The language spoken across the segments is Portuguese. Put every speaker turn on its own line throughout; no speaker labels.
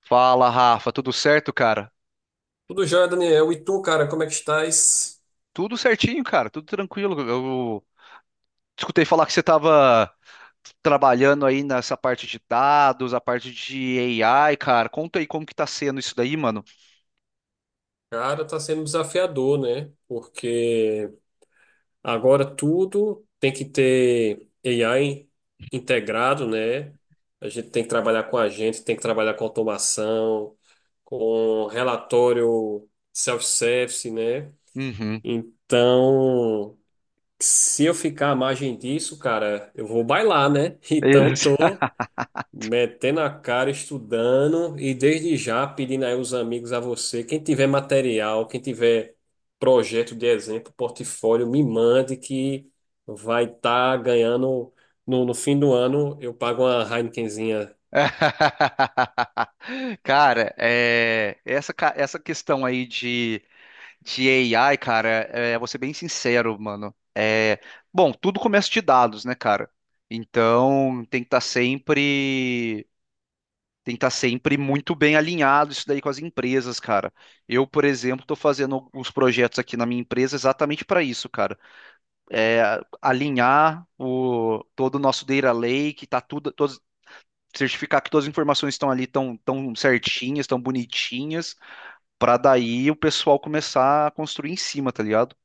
Fala, Rafa, tudo certo, cara?
Tudo jóia, Daniel. E tu, cara, como é que estás?
Tudo certinho, cara, tudo tranquilo. Eu escutei falar que você estava trabalhando aí nessa parte de dados, a parte de AI, cara. Conta aí como que tá sendo isso daí, mano.
Cara, tá sendo desafiador, né? Porque agora tudo tem que ter AI integrado, né? A gente tem que trabalhar com a gente, tem que trabalhar com automação, com relatório self-service, né?
Uhum.
Então, se eu ficar à margem disso, cara, eu vou bailar, né? Então,
Isso.
tô metendo a cara, estudando e desde já pedindo aí os amigos a você. Quem tiver material, quem tiver projeto de exemplo, portfólio, me mande que vai estar ganhando. No fim do ano, eu pago uma Heinekenzinha.
Cara, essa questão aí de AI, cara, vou ser bem sincero, mano. É, bom, tudo começa de dados, né, cara? Então tem que estar sempre. Tem que estar sempre muito bem alinhado isso daí com as empresas, cara. Eu, por exemplo, estou fazendo uns projetos aqui na minha empresa exatamente para isso, cara. É, alinhar todo o nosso data lake, certificar que todas as informações estão ali tão certinhas, tão bonitinhas, para daí o pessoal começar a construir em cima, tá ligado?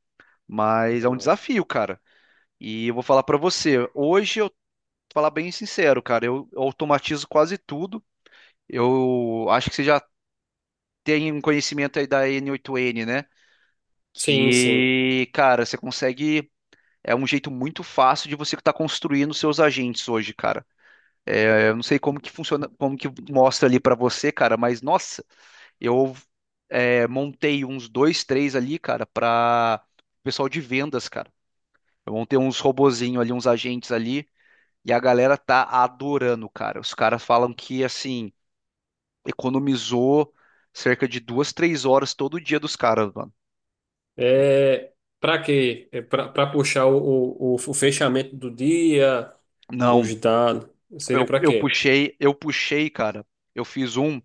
Mas é um desafio, cara. E eu vou falar para você, hoje eu vou falar bem sincero, cara, eu automatizo quase tudo. Eu acho que você já tem um conhecimento aí da n oito n, né?
Sim.
Que, cara, você consegue. É um jeito muito fácil de você estar construindo seus agentes hoje, cara. É, eu não sei como que funciona, como que mostra ali pra você, cara, mas nossa, eu montei uns dois, três ali, cara, para pessoal de vendas, cara. Eu montei uns robozinho ali, uns agentes ali, e a galera tá adorando, cara. Os caras falam que, assim, economizou cerca de duas, três horas todo dia dos caras, mano.
É, para quê? É para puxar o fechamento do dia, os
Não,
dados. Seria para
eu
quê?
puxei, cara. Eu fiz um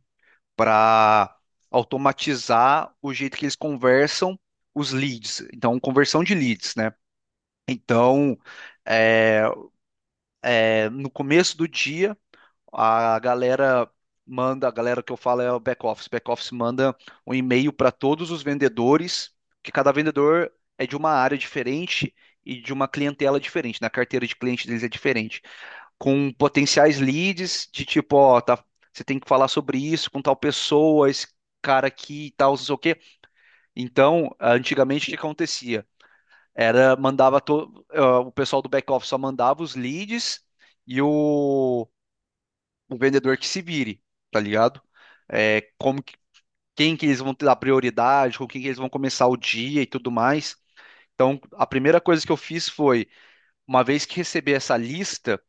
para automatizar o jeito que eles conversam os leads. Então, conversão de leads, né? Então, é, é, no começo do dia, a galera manda, a galera que eu falo é o back office. Back office manda um e-mail para todos os vendedores, que cada vendedor é de uma área diferente e de uma clientela diferente, na carteira de cliente deles é diferente. Com potenciais leads de tipo, ó, tá, você tem que falar sobre isso com tal pessoa, esse cara aqui e tal, não sei o quê. Então, antigamente o que acontecia? Era, mandava to, ah, o pessoal do back-office só mandava os leads e o, o vendedor que se vire, tá ligado? É, como que, quem que eles vão dar prioridade, com quem que eles vão começar o dia e tudo mais. Então, a primeira coisa que eu fiz foi, uma vez que receber essa lista,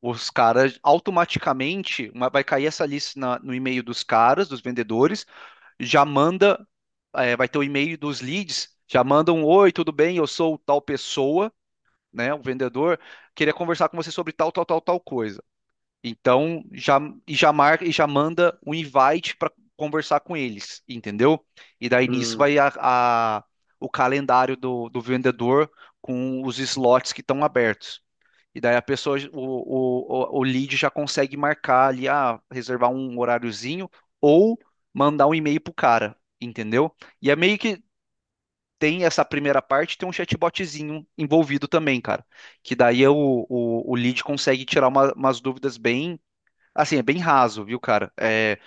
os caras automaticamente vai cair essa lista no e-mail dos caras, dos vendedores, já manda, vai ter o e-mail dos leads, já mandam, oi, tudo bem, eu sou tal pessoa, né, o vendedor, queria conversar com você sobre tal, tal, tal, tal coisa. Então, já e já marca e já manda um invite para conversar com eles, entendeu? E daí nisso
Hum,
o calendário do vendedor com os slots que estão abertos. E daí a pessoa, o lead já consegue marcar ali, ah, reservar um horáriozinho ou mandar um e-mail pro cara, entendeu? E é meio que tem essa primeira parte, tem um chatbotzinho envolvido também, cara. Que daí é o lead consegue tirar umas dúvidas bem, assim, é bem raso, viu, cara? É,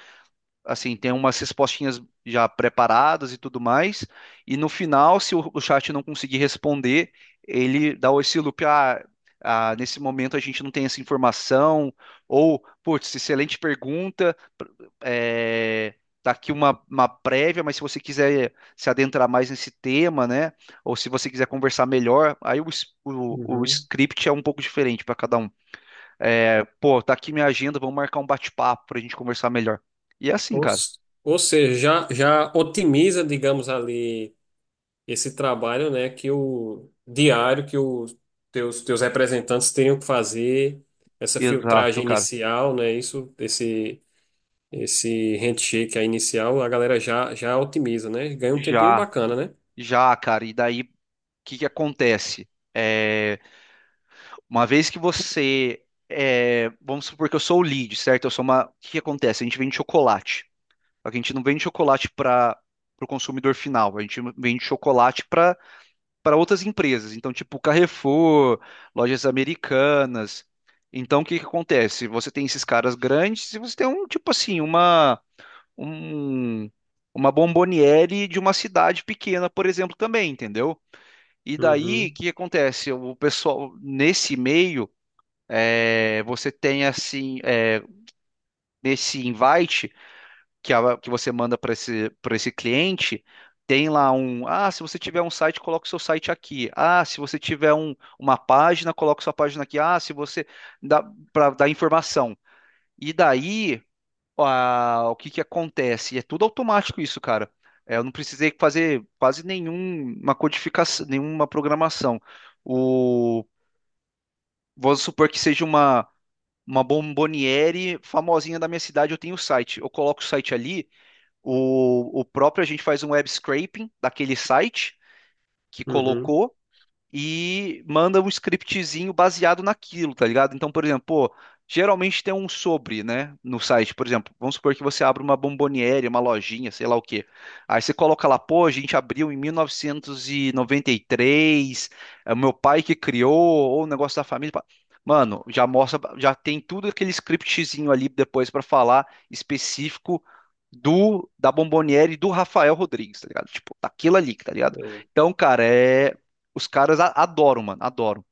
assim, tem umas respostinhas já preparadas e tudo mais. E no final, se o chat não conseguir responder, ele dá esse loop, nesse momento a gente não tem essa informação, ou, putz, excelente pergunta, é, tá aqui uma prévia, mas se você quiser se adentrar mais nesse tema, né, ou se você quiser conversar melhor, aí o
uhum.
script é um pouco diferente para cada um. É, pô, tá aqui minha agenda, vamos marcar um bate-papo pra gente conversar melhor. E é assim,
Ou,
cara.
ou seja, já otimiza, digamos ali, esse trabalho, né, que o diário que os teus representantes tenham que fazer essa
Exato,
filtragem
cara.
inicial, né, isso, esse handshake aí inicial, a galera já otimiza, né, ganha um tempinho
Já.
bacana, né?
Já, cara, e daí o que que acontece? É, uma vez que você é, vamos supor que eu sou o lead, certo? Eu sou uma. O que que acontece? A gente vende chocolate. Só que a gente não vende chocolate para o consumidor final, a gente vende chocolate para outras empresas. Então, tipo Carrefour, Lojas Americanas. Então, o que que acontece? Você tem esses caras grandes e você tem um tipo assim, uma um, uma bomboniere de uma cidade pequena, por exemplo, também, entendeu? E daí, o
Uhum,
que acontece? O pessoal, nesse meio, é, você tem assim, é, nesse invite que você manda para para esse cliente, tem lá um, ah, se você tiver um site, coloca o seu site aqui. Ah, se você tiver uma página, coloca sua página aqui. Ah, se você dá para dar informação. E daí o que que acontece? E é tudo automático isso, cara. É, eu não precisei fazer quase nenhuma codificação, nenhuma programação. O, vamos supor que seja uma bomboniere famosinha da minha cidade, eu tenho o site. Eu coloco o site ali, o próprio a gente faz um web scraping daquele site que
uhum.
colocou e manda um scriptzinho baseado naquilo, tá ligado? Então, por exemplo, pô, geralmente tem um sobre, né, no site. Por exemplo, vamos supor que você abre uma bomboniere, uma lojinha, sei lá o quê. Aí você coloca lá, pô, a gente abriu em 1993, é o meu pai que criou, ou o negócio da família. Pá. Mano, já mostra, já tem tudo aquele scriptzinho ali depois pra falar específico do da Bomboniere e do Rafael Rodrigues, tá ligado? Tipo, daquilo ali, tá ligado?
É.
Então, cara, é, os caras adoram, mano, adoram.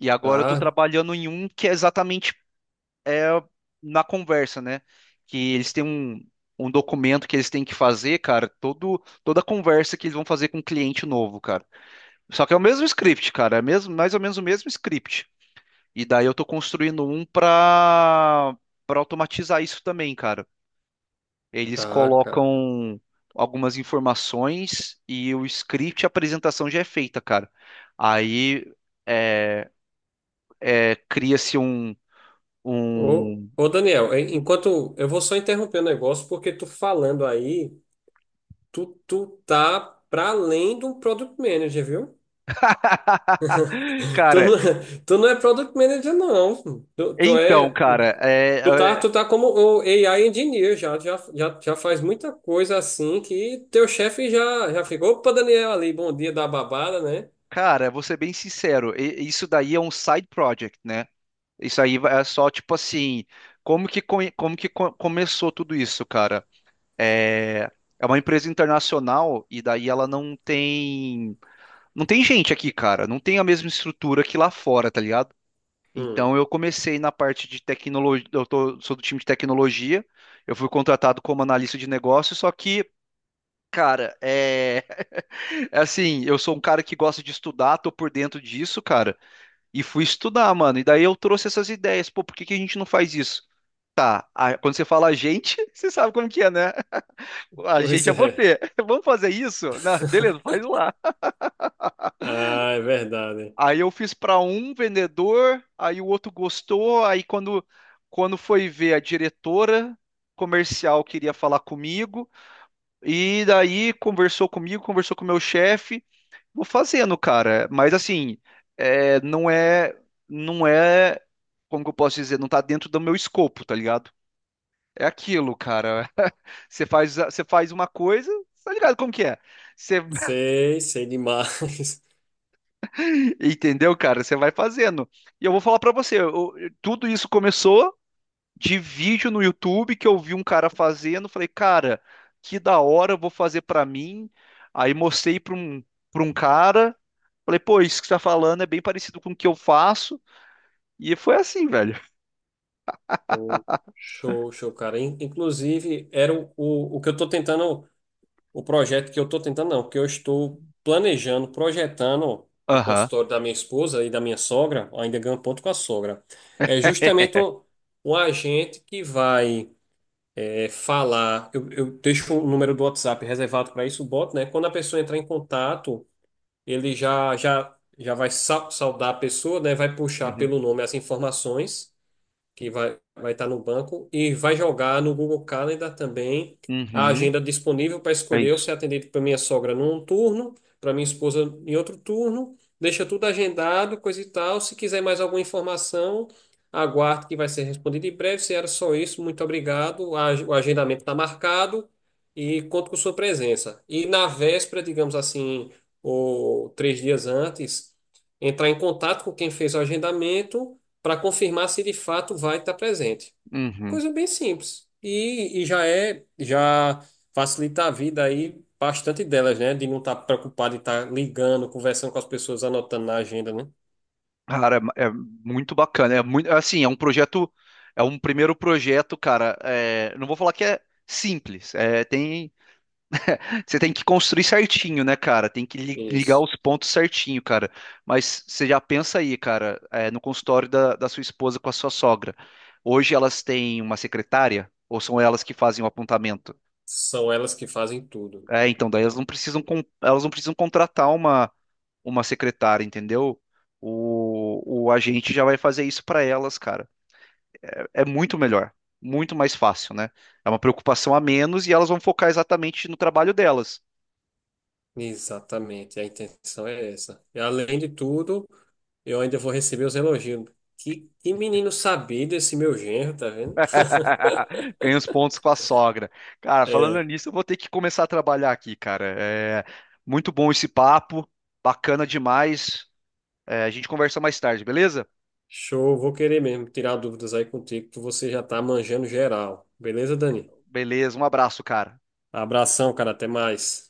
E agora eu tô
Tá,
trabalhando em um que é exatamente é, na conversa, né? Que eles têm um documento que eles têm que fazer, cara, toda a conversa que eles vão fazer com um cliente novo, cara. Só que é o mesmo script, cara, é mesmo, mais ou menos o mesmo script. E daí eu tô construindo um pra automatizar isso também, cara. Eles
tá, cara.
colocam algumas informações e o script, a apresentação já é feita, cara. Aí. é, cria-se
Ô,
um-
ô Daniel, enquanto eu vou só interromper o negócio porque tu falando aí, tu tá para além de um product manager, viu? Tu
Cara,
não, tu não é Product Manager, não. Tu
então,
é,
cara,
tu tá,
é, é,
tu tá como o AI Engineer, já faz muita coisa assim que teu chefe já ficou. Opa, Daniel ali, bom dia da babada, né?
cara, vou ser bem sincero, isso daí é um side project, né? Isso aí é só tipo assim, como que começou tudo isso, cara? É, é uma empresa internacional e daí ela não tem gente aqui, cara, não tem a mesma estrutura que lá fora, tá ligado?
Hum,
Então eu comecei na parte de tecnologia, sou do time de tecnologia, eu fui contratado como analista de negócio, só que, cara, é, é assim, eu sou um cara que gosta de estudar, tô por dentro disso, cara, e fui estudar, mano, e daí eu trouxe essas ideias, pô, por que que a gente não faz isso? Tá, quando você fala a gente, você sabe como que é, né? A
pois
gente é
é.
você. Vamos fazer isso? Não, beleza, faz lá.
Ah, é verdade.
Aí eu fiz para um vendedor, aí o outro gostou, aí quando foi ver a diretora comercial queria falar comigo e daí conversou comigo, conversou com o meu chefe, vou fazendo, cara. Mas assim, é, não é como que eu posso dizer, não tá dentro do meu escopo, tá ligado? É aquilo, cara. Você faz uma coisa, tá ligado como que é? Você
Sei demais.
entendeu, cara? Você vai fazendo. E eu vou falar para você, tudo isso começou de vídeo no YouTube que eu vi um cara fazendo, falei, cara, que da hora, eu vou fazer pra mim. Aí mostrei pra um cara, falei, pô, isso que você tá falando é bem parecido com o que eu faço. E foi assim, velho.
Show, show, cara. Inclusive, era o, o que eu tô tentando. O projeto que eu estou tentando, não, que eu estou planejando, projetando para o
Aham.
consultório da minha esposa e da minha sogra, ainda ganho ponto com a sogra, é justamente um, um agente que vai é, falar. Eu deixo o número do WhatsApp reservado para isso, o né? Quando a pessoa entrar em contato, ele já vai saudar a pessoa, né? Vai puxar
Uhum.
pelo nome as informações que vai estar no banco e vai jogar no Google Calendar também a
Uhum.
agenda disponível para
É
escolher ou ser
isso.
atendido para minha sogra num turno, para minha esposa em outro turno. Deixa tudo agendado, coisa e tal. Se quiser mais alguma informação, aguarde que vai ser respondido em breve. Se era só isso, muito obrigado. O agendamento está marcado e conto com sua presença. E na véspera, digamos assim, ou três dias antes, entrar em contato com quem fez o agendamento para confirmar se de fato vai estar presente.
Uhum.
Coisa bem simples. E já é, já facilita a vida aí bastante delas, né? De não estar preocupado em estar ligando, conversando com as pessoas, anotando na agenda, né?
Cara, é, é muito bacana. É muito, assim, é um projeto, é um primeiro projeto, cara. É, não vou falar que é simples. É, tem. Você tem que construir certinho, né, cara? Tem que ligar
Isso.
os pontos certinho, cara. Mas você já pensa aí, cara, é, no consultório da sua esposa com a sua sogra. Hoje elas têm uma secretária ou são elas que fazem o apontamento?
São elas que fazem tudo.
É, então daí elas elas não precisam contratar uma secretária, entendeu? O agente já vai fazer isso para elas, cara. É muito melhor, muito mais fácil, né? É uma preocupação a menos e elas vão focar exatamente no trabalho delas.
Exatamente, a intenção é essa. E além de tudo, eu ainda vou receber os elogios. Que menino sabido esse meu genro, tá vendo?
Ganha os pontos com a sogra. Cara, falando
É.
nisso, eu vou ter que começar a trabalhar aqui, cara. É muito bom esse papo, bacana demais. É, a gente conversa mais tarde, beleza?
Show, vou querer mesmo tirar dúvidas aí contigo, que você já tá manjando geral. Beleza, Dani?
Beleza, um abraço, cara.
Abração, cara, até mais.